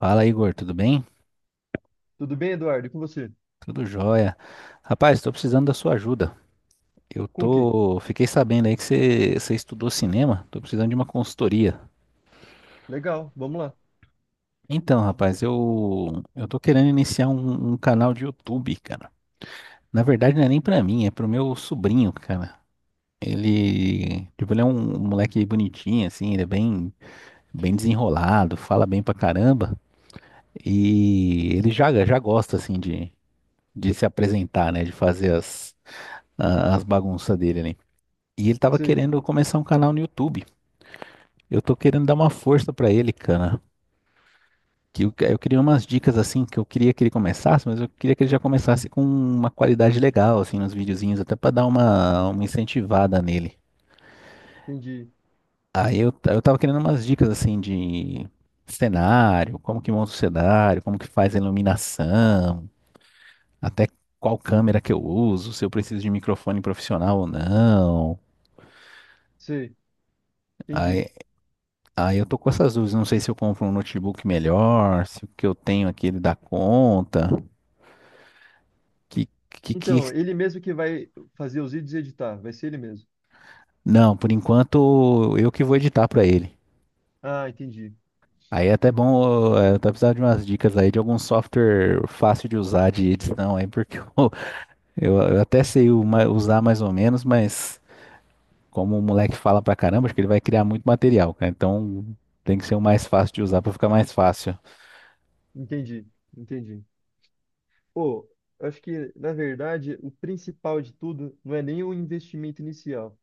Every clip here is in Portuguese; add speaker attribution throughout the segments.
Speaker 1: Fala, Igor, tudo bem?
Speaker 2: Tudo bem, Eduardo? E com você?
Speaker 1: Tudo jóia. Rapaz, estou precisando da sua ajuda.
Speaker 2: Com o quê?
Speaker 1: Fiquei sabendo aí que você estudou cinema, tô precisando de uma consultoria.
Speaker 2: Legal, vamos lá.
Speaker 1: Então, rapaz, eu tô querendo iniciar um canal de YouTube, cara. Na verdade, não é nem pra mim, é pro meu sobrinho, cara. Ele, tipo, ele é um moleque bonitinho assim, ele é bem desenrolado, fala bem pra caramba e ele já gosta assim de se apresentar, né, de fazer as bagunças dele ali. E ele tava
Speaker 2: Sei,
Speaker 1: querendo começar um canal no YouTube. Eu tô querendo dar uma força pra ele, cara. Que eu queria umas dicas assim que eu queria que ele começasse, mas eu queria que ele já começasse com uma qualidade legal assim nos videozinhos, até pra dar uma incentivada nele.
Speaker 2: entendi.
Speaker 1: Eu tava querendo umas dicas assim de cenário, como que monta o cenário, como que faz a iluminação, até qual câmera que eu uso, se eu preciso de microfone profissional ou não.
Speaker 2: Sei, entendi.
Speaker 1: Aí Aí eu tô com essas dúvidas. Não sei se eu compro um notebook melhor, se o que eu tenho aqui ele dá conta. Que, que...
Speaker 2: Então, ele mesmo que vai fazer os vídeos e editar, vai ser ele mesmo.
Speaker 1: Não, por enquanto eu que vou editar pra ele.
Speaker 2: Ah, entendi.
Speaker 1: Aí é até bom, eu tô precisando de umas dicas aí de algum software fácil de usar de edição aí, porque eu até sei usar mais ou menos, mas como o moleque fala pra caramba, acho que ele vai criar muito material, cara. Então tem que ser o mais fácil de usar pra ficar mais fácil.
Speaker 2: Entendi, entendi. Pô, eu acho que, na verdade, o principal de tudo não é nem o investimento inicial,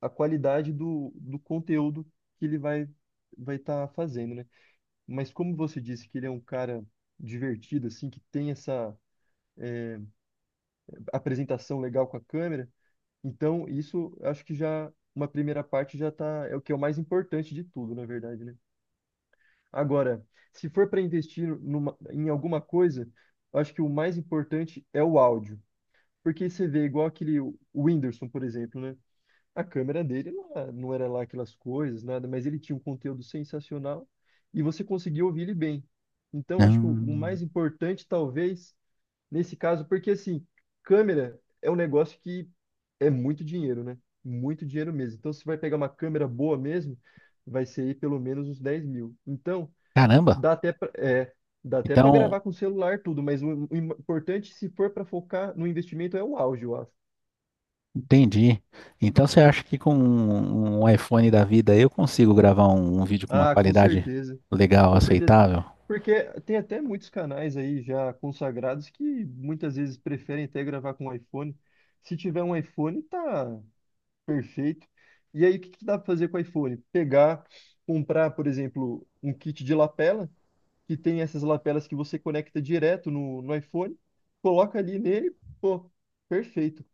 Speaker 2: a qualidade do conteúdo que ele vai estar fazendo, né? Mas como você disse que ele é um cara divertido, assim, que tem essa eh, apresentação legal com a câmera. Então, isso acho que já uma primeira parte já tá, é o que é o mais importante de tudo, na verdade, né? Agora, se for para investir numa- em alguma coisa, eu acho que o mais importante é o áudio. Porque você vê igual aquele o Whindersson, por exemplo, né? A câmera dele não era lá aquelas coisas, nada, mas ele tinha um conteúdo sensacional e você conseguia ouvir ele bem. Então, acho que o mais
Speaker 1: Hum,
Speaker 2: importante, talvez, nesse caso, porque assim, câmera é um negócio que é muito dinheiro, né? Muito dinheiro mesmo. Então, se vai pegar uma câmera boa mesmo, vai ser aí pelo menos uns 10 mil. Então,
Speaker 1: caramba!
Speaker 2: dá até pra, é, dá até para
Speaker 1: Então.
Speaker 2: gravar com celular tudo, mas o importante, se for para focar no investimento, é o áudio, eu acho.
Speaker 1: Entendi. Então você acha que com um iPhone da vida eu consigo gravar um vídeo com uma
Speaker 2: Ah, com
Speaker 1: qualidade
Speaker 2: certeza.
Speaker 1: legal,
Speaker 2: Com certeza.
Speaker 1: aceitável?
Speaker 2: Porque tem até muitos canais aí já consagrados que muitas vezes preferem até gravar com iPhone. Se tiver um iPhone, tá, perfeito. E aí, o que que dá para fazer com o iPhone? Pegar, comprar, por exemplo, um kit de lapela, que tem essas lapelas que você conecta direto no iPhone, coloca ali nele, pô, perfeito.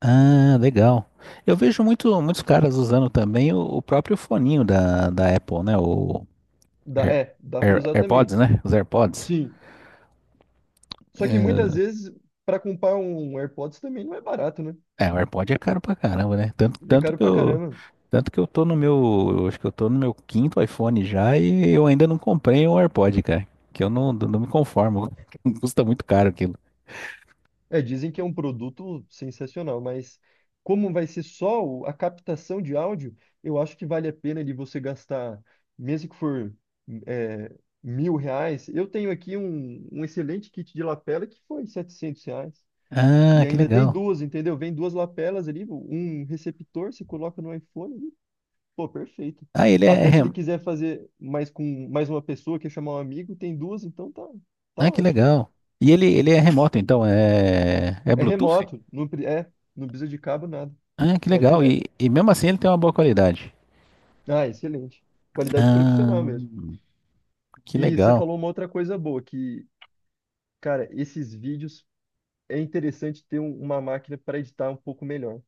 Speaker 1: Ah, legal. Eu vejo muito, muitos caras usando também o próprio foninho da Apple, né?
Speaker 2: Dá,
Speaker 1: Air-
Speaker 2: é, dá para usar também.
Speaker 1: AirPods, né? Os AirPods.
Speaker 2: Sim. Só que muitas
Speaker 1: É,
Speaker 2: vezes, para comprar um AirPods também não é barato, né?
Speaker 1: é, o AirPod é caro pra caramba, né? Tanto,
Speaker 2: É
Speaker 1: tanto
Speaker 2: caro
Speaker 1: que
Speaker 2: pra
Speaker 1: eu,
Speaker 2: caramba.
Speaker 1: tanto que eu tô no meu, eu acho que eu tô no meu quinto iPhone já e eu ainda não comprei um AirPod, cara. Que eu não me conformo. Custa muito caro aquilo.
Speaker 2: É, dizem que é um produto sensacional, mas como vai ser só o- a captação de áudio, eu acho que vale a pena de você gastar, mesmo que for, é, R$ 1.000. Eu tenho aqui um, um excelente kit de lapela que foi R$ 700. E
Speaker 1: Ah, que
Speaker 2: ainda tem
Speaker 1: legal.
Speaker 2: duas, entendeu? Vem duas lapelas ali, um receptor, você coloca no iPhone e, pô, perfeito.
Speaker 1: Ah, ele é
Speaker 2: Até se ele
Speaker 1: rem...
Speaker 2: quiser fazer mais com mais uma pessoa, quer chamar um amigo, tem duas, então tá, tá
Speaker 1: Ah, que
Speaker 2: ótimo.
Speaker 1: legal. E ele é remoto, então, é, é
Speaker 2: É
Speaker 1: Bluetooth?
Speaker 2: remoto, não, pre- é, não precisa de cabo, nada.
Speaker 1: Ah, que
Speaker 2: Vai
Speaker 1: legal.
Speaker 2: direto.
Speaker 1: E mesmo assim ele tem uma boa qualidade.
Speaker 2: Ah, excelente. Qualidade
Speaker 1: Ah,
Speaker 2: profissional mesmo.
Speaker 1: que
Speaker 2: E você
Speaker 1: legal.
Speaker 2: falou uma outra coisa boa, que, cara, esses vídeos é interessante ter um- uma máquina para editar um pouco melhor,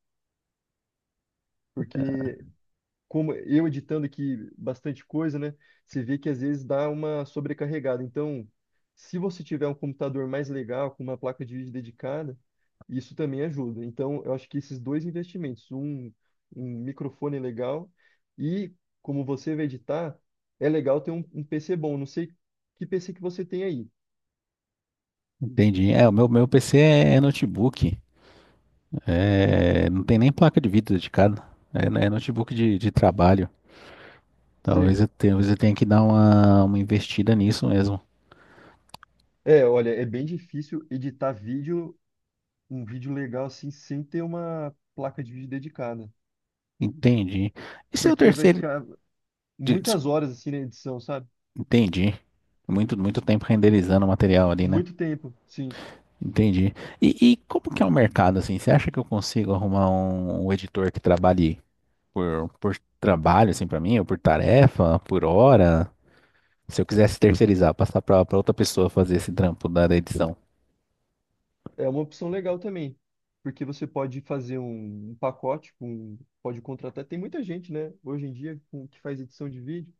Speaker 2: porque como eu editando aqui bastante coisa, né? Você vê que às vezes dá uma sobrecarregada. Então, se você tiver um computador mais legal, com uma placa de vídeo dedicada, isso também ajuda. Então, eu acho que esses dois investimentos, um microfone legal e como você vai editar, é legal ter um, um PC bom. Não sei que PC que você tem aí.
Speaker 1: Entendi. É, o meu PC é, é notebook. É, não tem nem placa de vídeo dedicada. É, é notebook de trabalho.
Speaker 2: Você...
Speaker 1: Talvez eu tenha que dar uma investida nisso mesmo.
Speaker 2: É, olha, é bem difícil editar vídeo, um vídeo legal assim, sem ter uma placa de vídeo dedicada.
Speaker 1: Entendi. E seu
Speaker 2: Porque vai
Speaker 1: terceiro.
Speaker 2: ficar
Speaker 1: de- des-
Speaker 2: muitas horas assim na edição, sabe?
Speaker 1: Entendi. Muito tempo renderizando o material ali, né?
Speaker 2: Muito tempo, sim.
Speaker 1: Entendi. E como que é o mercado, assim? Você acha que eu consigo arrumar um editor que trabalhe por trabalho, assim, pra mim, ou por tarefa, por hora? Se eu quisesse terceirizar, passar pra outra pessoa fazer esse trampo da edição.
Speaker 2: É uma opção legal também, porque você pode fazer um, um pacote com, pode contratar. Tem muita gente, né, hoje em dia com- que faz edição de vídeo,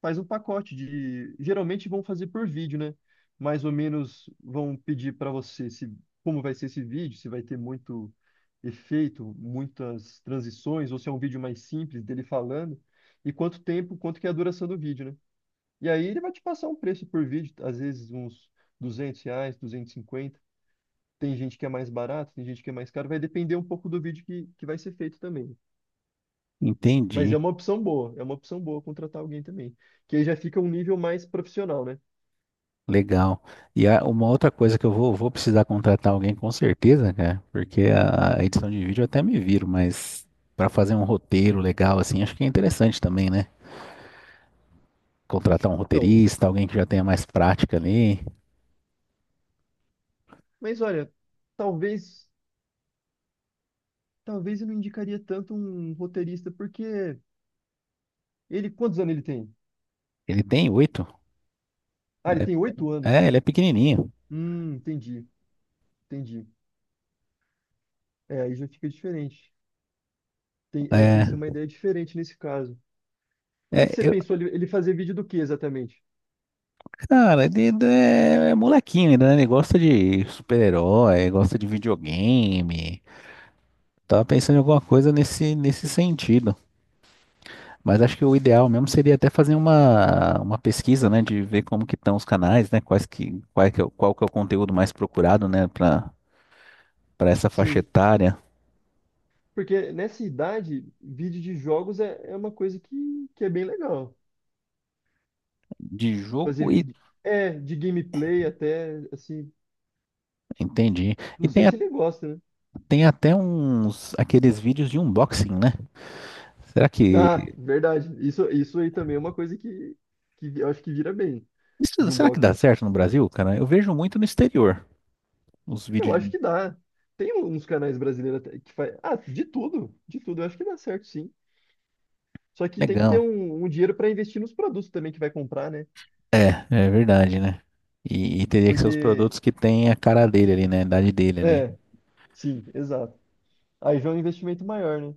Speaker 2: faz um pacote de, geralmente vão fazer por vídeo, né? Mais ou menos vão pedir para você se como vai ser esse vídeo, se vai ter muito efeito, muitas transições, ou se é um vídeo mais simples dele falando, e quanto tempo, quanto que é a duração do vídeo, né? E aí ele vai te passar um preço por vídeo, às vezes uns R$ 200, 250. Tem gente que é mais barato, tem gente que é mais caro. Vai depender um pouco do vídeo que vai ser feito também. Mas é
Speaker 1: Entendi.
Speaker 2: uma opção boa, é uma opção boa contratar alguém também. Que aí já fica um nível mais profissional, né?
Speaker 1: Legal. Uma outra coisa que eu vou precisar contratar alguém com certeza, cara, porque a edição de vídeo eu até me viro, mas para fazer um roteiro legal assim, acho que é interessante também, né? Contratar um
Speaker 2: Então,
Speaker 1: roteirista, alguém que já tenha mais prática ali.
Speaker 2: mas olha, talvez, talvez eu não indicaria tanto um roteirista, porque ele, quantos anos ele tem?
Speaker 1: Ele tem oito.
Speaker 2: Ah, ele tem oito
Speaker 1: É, é, ele
Speaker 2: anos.
Speaker 1: é pequenininho.
Speaker 2: Entendi, entendi. É, aí já fica diferente. Tem, é, tem que ser
Speaker 1: É,
Speaker 2: uma ideia diferente nesse caso. Que
Speaker 1: é,
Speaker 2: você
Speaker 1: eu,
Speaker 2: pensou ele, ele fazer vídeo do que exatamente?
Speaker 1: cara, ele é, é molequinho ainda, né? Ele gosta de super-herói, gosta de videogame. Tava pensando em alguma coisa nesse sentido. Mas acho que o ideal mesmo seria até fazer uma pesquisa, né, de ver como que estão os canais, né, qual que é, qual que é o conteúdo mais procurado, né, para essa faixa
Speaker 2: Sim,
Speaker 1: etária
Speaker 2: porque nessa idade, vídeo de jogos é, é uma coisa que é bem legal.
Speaker 1: de
Speaker 2: Fazer
Speaker 1: jogo e
Speaker 2: de- é de gameplay até assim,
Speaker 1: entendi. E
Speaker 2: não sei
Speaker 1: tem,
Speaker 2: se ele gosta, né?
Speaker 1: tem até uns aqueles vídeos de unboxing, né? Será
Speaker 2: Ah,
Speaker 1: que
Speaker 2: verdade. Isso aí também é uma coisa que eu acho que vira bem de
Speaker 1: será que dá
Speaker 2: unboxing.
Speaker 1: certo no Brasil, cara? Eu vejo muito no exterior os
Speaker 2: Eu
Speaker 1: vídeos de
Speaker 2: acho que dá. Tem um, uns canais brasileiros até que faz, ah, de tudo, eu acho que dá certo sim. Só que tem que ter
Speaker 1: legal.
Speaker 2: um, um dinheiro para investir nos produtos também que vai comprar, né?
Speaker 1: É, é verdade, né? E teria que ser os
Speaker 2: Porque
Speaker 1: produtos que tem a cara dele ali, né, a idade dele ali.
Speaker 2: é, sim, exato. Aí já é um investimento maior, né?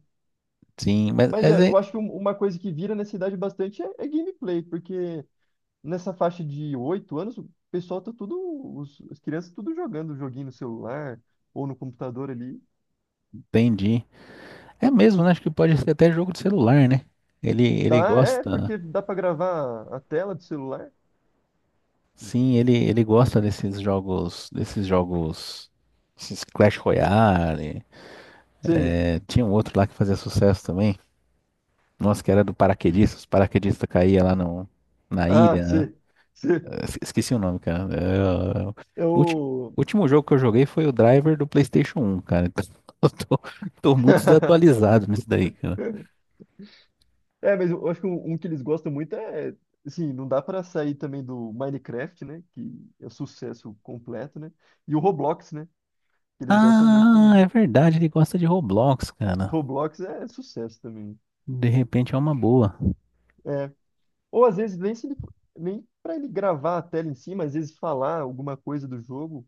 Speaker 1: Sim,
Speaker 2: Mas é, eu acho que um- uma coisa que vira nessa idade bastante é, é gameplay, porque nessa faixa de 8 anos, o pessoal tá tudo, os, as crianças tudo jogando joguinho no celular ou no computador ali.
Speaker 1: entendi. É mesmo, né? Acho que pode ser até jogo de celular, né? Ele
Speaker 2: Dá, é,
Speaker 1: gosta,
Speaker 2: porque dá pra gravar a tela do celular.
Speaker 1: sim, ele gosta desses jogos, esses Clash Royale.
Speaker 2: Sim.
Speaker 1: É, tinha um outro lá que fazia sucesso também. Nossa, que era do paraquedista. Os paraquedistas caíam lá no, na
Speaker 2: Ah,
Speaker 1: ilha. Né?
Speaker 2: sim. Sim.
Speaker 1: Esqueci o nome, cara. É, ulti-
Speaker 2: Eu.
Speaker 1: último jogo que eu joguei foi o Driver do PlayStation 1, cara. Então, eu tô, tô muito desatualizado nisso daí, cara.
Speaker 2: É, mas eu acho que um que eles gostam muito é, assim, não dá pra sair também do Minecraft, né? Que é sucesso completo, né? E o Roblox, né? Que eles gostam muito
Speaker 1: Ah,
Speaker 2: também.
Speaker 1: é verdade, ele gosta de Roblox, cara.
Speaker 2: Roblox é sucesso também.
Speaker 1: De repente é uma boa.
Speaker 2: É. Ou às vezes nem se ele, nem para ele gravar a tela em si, mas às vezes falar alguma coisa do jogo,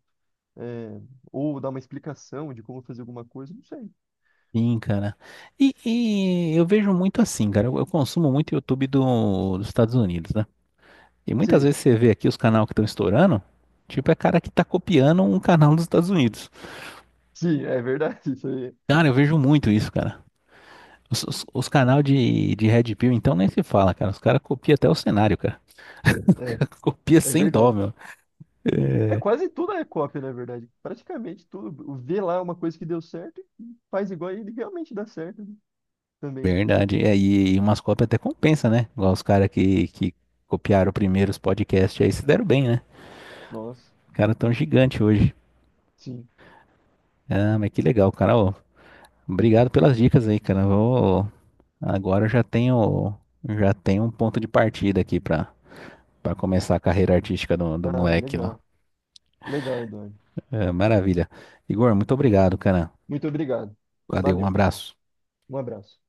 Speaker 2: é, ou dar uma explicação de como fazer alguma coisa, não sei.
Speaker 1: Sim, cara. E eu vejo muito assim, cara. Eu consumo muito YouTube dos Estados Unidos, né? E muitas
Speaker 2: Sim,
Speaker 1: vezes você vê aqui os canais que estão estourando, tipo, é cara que tá copiando um canal dos Estados Unidos.
Speaker 2: sim, é verdade. Isso aí
Speaker 1: Cara, eu vejo muito isso, cara. Os canal de Red Pill, então, nem se fala, cara. Os caras copiam até o cenário, cara.
Speaker 2: é,
Speaker 1: Copia
Speaker 2: é
Speaker 1: sem dó,
Speaker 2: verdade.
Speaker 1: meu. É
Speaker 2: É quase tudo é cópia, na verdade. Praticamente tudo. Vê lá é uma coisa que deu certo e faz igual e ele realmente dá certo, né? Também.
Speaker 1: verdade. É, e umas cópias até compensa, né? Igual os caras que copiaram primeiro os podcasts aí se deram bem, né?
Speaker 2: Nossa,
Speaker 1: Cara tão gigante hoje.
Speaker 2: sim.
Speaker 1: Ah, mas que legal, cara. Ô, obrigado pelas dicas aí, cara. Vou... Agora eu já tenho um ponto de partida aqui pra para começar a carreira artística do
Speaker 2: Ah,
Speaker 1: moleque lá.
Speaker 2: legal. Legal, Eduardo.
Speaker 1: É, maravilha. Igor, muito obrigado, cara.
Speaker 2: Muito obrigado.
Speaker 1: Valeu, um
Speaker 2: Valeu.
Speaker 1: abraço.
Speaker 2: Um abraço.